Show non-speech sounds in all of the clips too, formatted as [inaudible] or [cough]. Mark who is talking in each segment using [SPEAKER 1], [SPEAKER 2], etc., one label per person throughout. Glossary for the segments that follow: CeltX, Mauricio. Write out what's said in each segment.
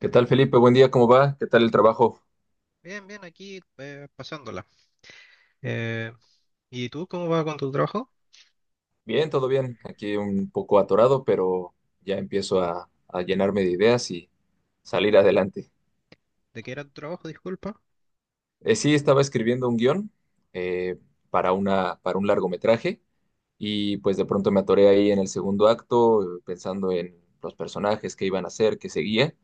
[SPEAKER 1] ¿Qué tal, Felipe? Buen día, ¿cómo va? ¿Qué tal el trabajo?
[SPEAKER 2] Bien, bien, aquí pasándola. Eh, ¿Y tú cómo vas con tu trabajo?
[SPEAKER 1] Bien, todo bien. Aquí un poco atorado, pero ya empiezo a llenarme de ideas y salir adelante.
[SPEAKER 2] ¿De qué era tu trabajo, disculpa?
[SPEAKER 1] Sí, estaba escribiendo un guión eh, para un largometraje y pues de pronto me atoré ahí en el segundo acto pensando en los personajes, qué iban a hacer, qué seguía.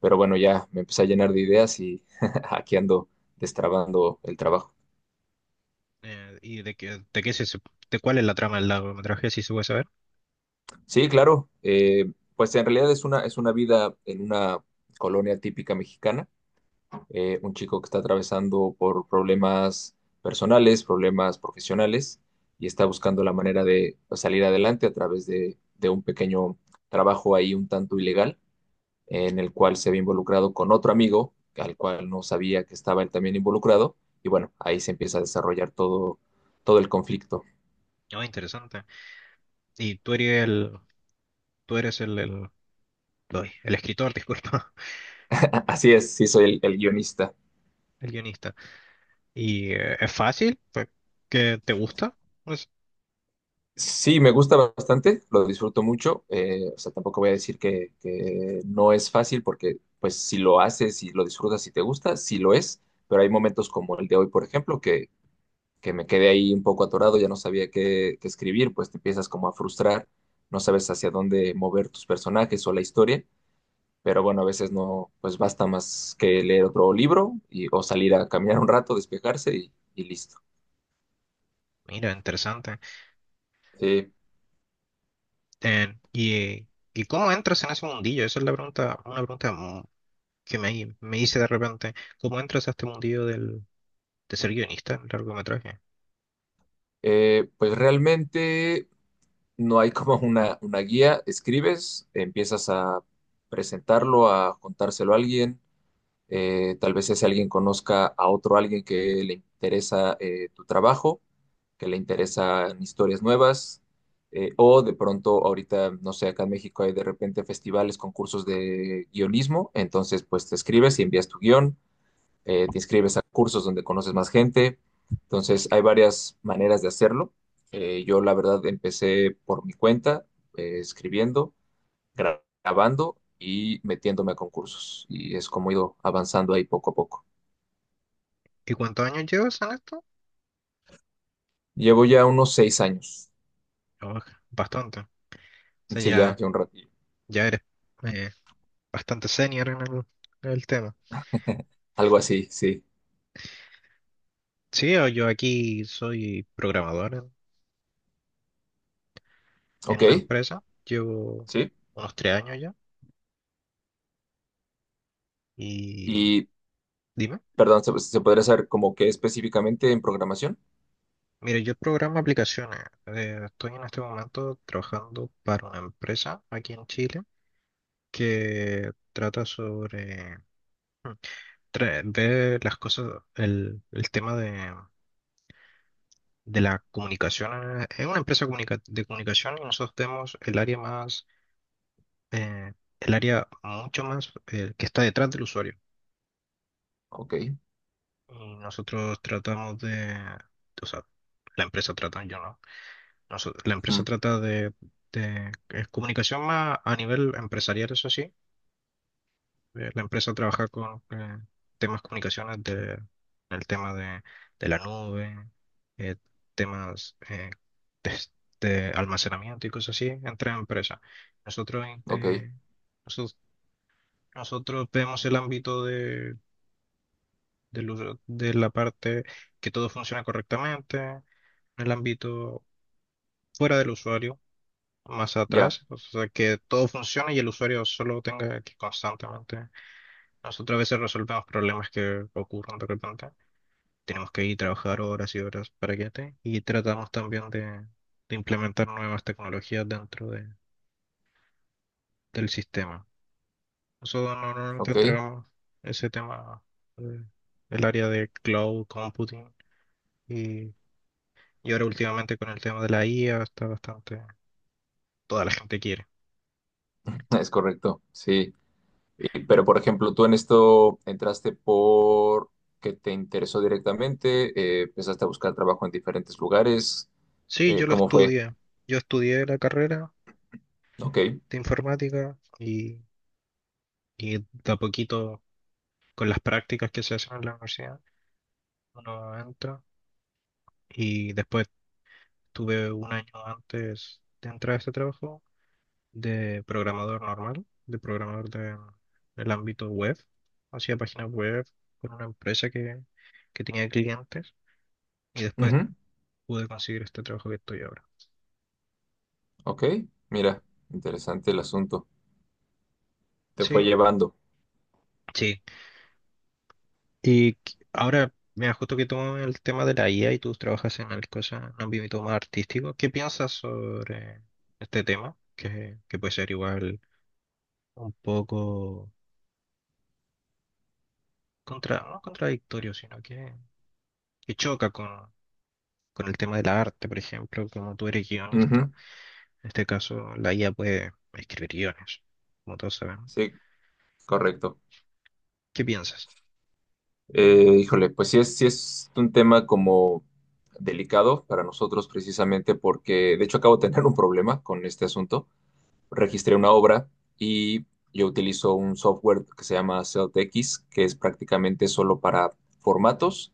[SPEAKER 1] Pero bueno, ya me empecé a llenar de ideas y [laughs] aquí ando destrabando el trabajo.
[SPEAKER 2] ¿Y de qué de cuál es la trama del largometraje, si se puede saber?
[SPEAKER 1] Sí, claro. Pues en realidad es una vida en una colonia típica mexicana. Un chico que está atravesando por problemas personales, problemas profesionales, y está buscando la manera de pues, salir adelante a través de un pequeño trabajo ahí un tanto ilegal, en el cual se ve involucrado con otro amigo, al cual no sabía que estaba él también involucrado. Y bueno, ahí se empieza a desarrollar todo el conflicto.
[SPEAKER 2] Oh, interesante. Y tú eres ay, el escritor, disculpa,
[SPEAKER 1] [laughs] Así es, sí soy el guionista.
[SPEAKER 2] [laughs] el guionista. ¿Y es fácil? Pues, ¿qué te gusta? Pues,
[SPEAKER 1] Sí, me gusta bastante, lo disfruto mucho. O sea, tampoco voy a decir que no es fácil porque, pues, si lo haces, si lo disfrutas, si te gusta, sí lo es. Pero hay momentos como el de hoy, por ejemplo, que me quedé ahí un poco atorado, ya no sabía qué escribir, pues te empiezas como a frustrar, no sabes hacia dónde mover tus personajes o la historia. Pero bueno, a veces no, pues basta más que leer otro libro y, o salir a caminar un rato, despejarse y listo.
[SPEAKER 2] mira, interesante.
[SPEAKER 1] Sí.
[SPEAKER 2] Eh, ¿y, eh, ¿Y cómo entras en ese mundillo? Esa es la pregunta, una pregunta que me hice de repente. ¿Cómo entras a este mundillo, de ser guionista en largometraje?
[SPEAKER 1] Pues realmente, no hay como una guía, escribes, empiezas a presentarlo, a contárselo a alguien, tal vez ese alguien conozca a otro alguien que le interesa tu trabajo, que le interesan historias nuevas, o de pronto ahorita, no sé, acá en México hay de repente festivales, concursos de guionismo, entonces pues te escribes y envías tu guión, te inscribes a cursos donde conoces más gente. Entonces, hay varias maneras de hacerlo. Yo, la verdad, empecé por mi cuenta, escribiendo, grabando y metiéndome a concursos. Y es como he ido avanzando ahí poco a poco.
[SPEAKER 2] ¿Y cuántos años llevas en esto?
[SPEAKER 1] Llevo ya unos 6 años.
[SPEAKER 2] Oh, bastante. O sea,
[SPEAKER 1] Sí, ya,
[SPEAKER 2] ya,
[SPEAKER 1] ya un ratillo.
[SPEAKER 2] ya eres eh, bastante senior en en el tema.
[SPEAKER 1] Algo así, sí.
[SPEAKER 2] Sí, o yo aquí soy programador en
[SPEAKER 1] Ok,
[SPEAKER 2] una empresa. Llevo
[SPEAKER 1] sí.
[SPEAKER 2] unos 3 años ya. Y
[SPEAKER 1] Y,
[SPEAKER 2] dime.
[SPEAKER 1] Perdón, ¿se podría saber como qué específicamente en programación?
[SPEAKER 2] Mire, yo programo aplicaciones. Estoy en este momento trabajando para una empresa aquí en Chile que trata sobre mm, ver las cosas, el tema de la comunicación. Es una empresa de comunicación y nosotros tenemos el área más, eh, el área mucho más que está detrás del usuario.
[SPEAKER 1] Ok.
[SPEAKER 2] Y nosotros tratamos de, o sea, la empresa trata, yo no. La
[SPEAKER 1] Mm.
[SPEAKER 2] empresa trata de- es comunicación más a nivel empresarial, eso sí. La empresa trabaja con temas comunicaciones de, el tema de la nube, eh, temas de, de almacenamiento y cosas así entre empresas. Nosotros,
[SPEAKER 1] Ok.
[SPEAKER 2] eh, nosotros, nosotros vemos el ámbito de, de la parte que todo funciona correctamente, el ámbito fuera del usuario más
[SPEAKER 1] Ya.
[SPEAKER 2] atrás, o sea, que todo funcione y el usuario solo tenga que constantemente. Nosotros a veces resolvemos problemas que ocurren de repente. Tenemos que ir a trabajar horas y horas para que esté. Y tratamos también de implementar nuevas tecnologías del sistema. Nosotros normalmente
[SPEAKER 1] Ok.
[SPEAKER 2] entregamos ese tema, eh, el área de cloud computing y, y ahora últimamente con el tema de la IA está bastante, toda la gente quiere.
[SPEAKER 1] [laughs] Es correcto, sí. Pero, por ejemplo, tú en esto entraste por que te interesó directamente, empezaste a buscar trabajo en diferentes lugares.
[SPEAKER 2] Sí, yo lo
[SPEAKER 1] ¿Cómo fue?
[SPEAKER 2] estudié. Yo estudié la carrera
[SPEAKER 1] Ok.
[SPEAKER 2] de informática y de a poquito con las prácticas que se hacen en la universidad, uno entra y después tuve un año antes de entrar a este trabajo de programador normal, de programador de, del ámbito web. Hacía páginas web con una empresa que tenía clientes y después
[SPEAKER 1] Ujú.
[SPEAKER 2] pude conseguir este trabajo que estoy ahora.
[SPEAKER 1] Ok. Mira, interesante el asunto. Te fue
[SPEAKER 2] Sí,
[SPEAKER 1] llevando.
[SPEAKER 2] sí, Y ahora, mira, justo que tomamos el tema de la IA y tú trabajas en el cosa, en un ámbito más artístico, ¿qué piensas sobre este tema? Que puede ser igual un poco contra, no contradictorio, sino que choca con el tema del arte, por ejemplo, como tú eres guionista,
[SPEAKER 1] Ujú.
[SPEAKER 2] en este caso la IA puede escribir guiones, como todos sabemos.
[SPEAKER 1] Sí, correcto.
[SPEAKER 2] ¿Qué piensas?
[SPEAKER 1] Híjole, pues sí es un tema como delicado para nosotros precisamente porque, de hecho, acabo de tener un problema con este asunto. Registré una obra y yo utilizo un software que se llama CeltX, que es prácticamente solo para formatos,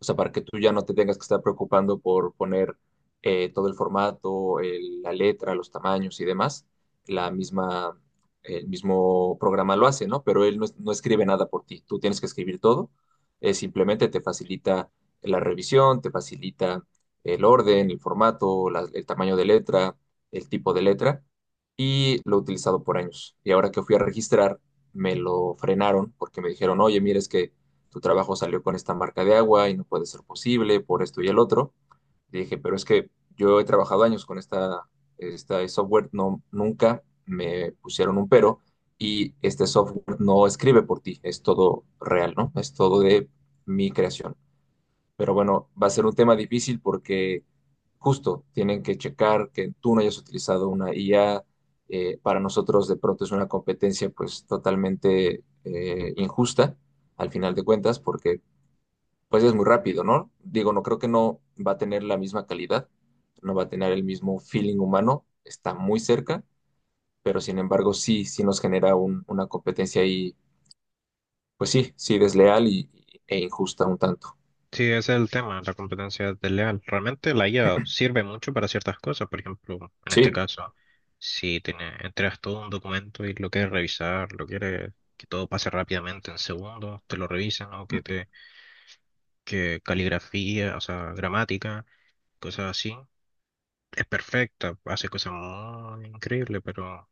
[SPEAKER 1] o sea, para que tú ya no te tengas que estar preocupando por poner todo el formato, la letra, los tamaños y demás. La misma, el mismo programa lo hace, ¿no? Pero él no, no escribe nada por ti, tú tienes que escribir todo. Simplemente te facilita la revisión, te facilita el orden, el formato, el tamaño de letra, el tipo de letra y lo he utilizado por años. Y ahora que fui a registrar, me lo frenaron porque me dijeron, oye, mira, es que tu trabajo salió con esta marca de agua y no puede ser posible por esto y el otro. Y dije, pero es que yo he trabajado años con esta software, no, nunca me pusieron un pero y este software no escribe por ti, es todo real, ¿no? Es todo de mi creación. Pero bueno, va a ser un tema difícil porque justo tienen que checar que tú no hayas utilizado una IA. Para nosotros de pronto es una competencia pues totalmente injusta al final de cuentas porque pues es muy rápido, ¿no? Digo, no creo que no va a tener la misma calidad, no va a tener el mismo feeling humano, está muy cerca, pero sin embargo sí, sí nos genera una competencia ahí, pues sí, sí desleal e injusta un tanto.
[SPEAKER 2] Sí, ese es el tema, la competencia desleal. Realmente la IA sirve mucho para ciertas cosas, por ejemplo, en este
[SPEAKER 1] Sí.
[SPEAKER 2] caso, si tiene, entregas todo un documento y lo quieres revisar, lo quieres que todo pase rápidamente en segundos, te lo revisan o
[SPEAKER 1] Mm.
[SPEAKER 2] que te que caligrafía, o sea, gramática, cosas así, es perfecta, hace cosas muy increíbles, pero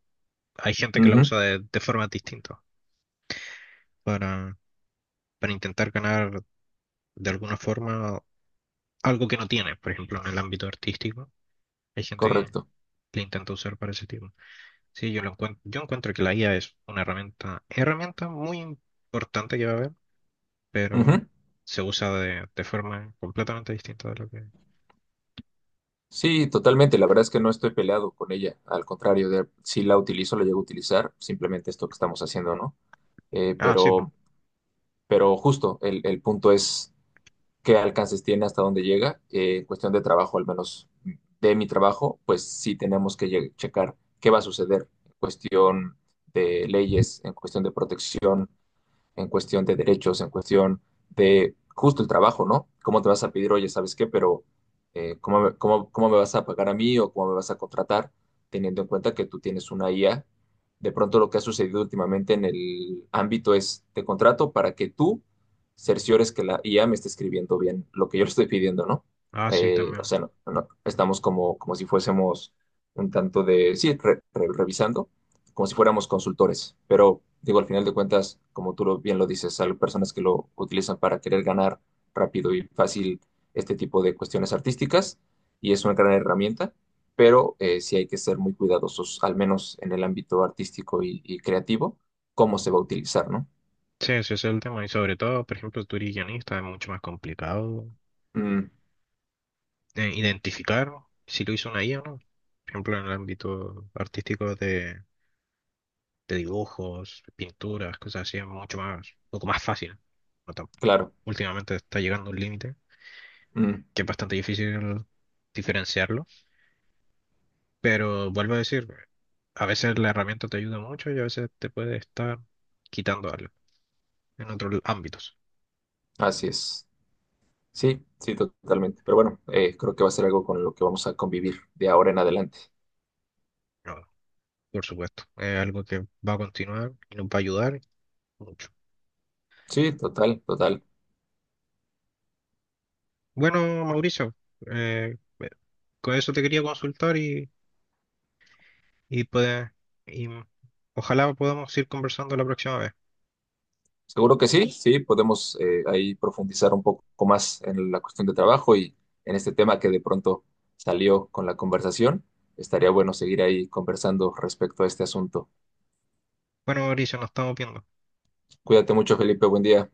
[SPEAKER 2] hay gente que la
[SPEAKER 1] Ujú.
[SPEAKER 2] usa de formas distintas para, para intentar ganar de alguna forma algo que no tiene, por ejemplo, en el ámbito artístico. Hay gente
[SPEAKER 1] Correcto.
[SPEAKER 2] que intenta usar para ese tipo. Sí, yo lo encuentro, yo encuentro que la IA es una herramienta muy importante que va a haber,
[SPEAKER 1] Ujú.
[SPEAKER 2] pero se usa de forma completamente distinta de lo que.
[SPEAKER 1] Sí, totalmente. La verdad es que no estoy peleado con ella. Al contrario, si la utilizo, la llego a utilizar. Simplemente esto que estamos haciendo, ¿no? Eh,
[SPEAKER 2] Ah, sí, pues.
[SPEAKER 1] pero, pero justo, el punto es qué alcances tiene, hasta dónde llega. En cuestión de trabajo, al menos de mi trabajo, pues sí tenemos que checar qué va a suceder en cuestión de leyes, en cuestión de protección, en cuestión de derechos, en cuestión de justo el trabajo, ¿no? ¿Cómo te vas a pedir, oye, ¿sabes qué? Pero ¿cómo me vas a pagar a mí o cómo me vas a contratar, teniendo en cuenta que tú tienes una IA? De pronto lo que ha sucedido últimamente en el ámbito es, te contrato para que tú cerciores que la IA me esté escribiendo bien lo que yo le estoy pidiendo, ¿no?
[SPEAKER 2] Ah, sí, también.
[SPEAKER 1] O sea, no, no, estamos como si fuésemos un tanto de, sí, revisando como si fuéramos consultores, pero digo, al final de cuentas, como tú bien lo dices, hay personas que lo utilizan para querer ganar rápido y fácil este tipo de cuestiones artísticas y es una gran herramienta, pero sí hay que ser muy cuidadosos, al menos en el ámbito artístico y creativo, cómo se va a utilizar, ¿no?
[SPEAKER 2] Sí, ese es el tema. Y sobre todo, por ejemplo, tú eres guionista, es mucho más complicado
[SPEAKER 1] Mm.
[SPEAKER 2] identificar si lo hizo una IA o no. Por ejemplo, en el ámbito artístico de dibujos, pinturas, cosas así, es mucho más, un poco más fácil. No tan-
[SPEAKER 1] Claro.
[SPEAKER 2] Últimamente está llegando un límite
[SPEAKER 1] Mm.
[SPEAKER 2] que es bastante difícil diferenciarlo, pero vuelvo a decir, a veces la herramienta te ayuda mucho y a veces te puede estar quitando algo en otros ámbitos.
[SPEAKER 1] Así es. Sí, sí, totalmente. Pero bueno, creo que va a ser algo con lo que vamos a convivir de ahora en adelante.
[SPEAKER 2] No, por supuesto, es algo que va a continuar y nos va a ayudar mucho.
[SPEAKER 1] Sí, total, total.
[SPEAKER 2] Bueno, Mauricio, eh, con eso te quería consultar y, puede- y ojalá podamos ir conversando la próxima vez.
[SPEAKER 1] Seguro que sí, sí, podemos ahí profundizar un poco más en la cuestión de trabajo y en este tema que de pronto salió con la conversación. Estaría bueno seguir ahí conversando respecto a este asunto.
[SPEAKER 2] Bueno, Mauricio, nos estamos viendo.
[SPEAKER 1] Cuídate mucho, Felipe, buen día.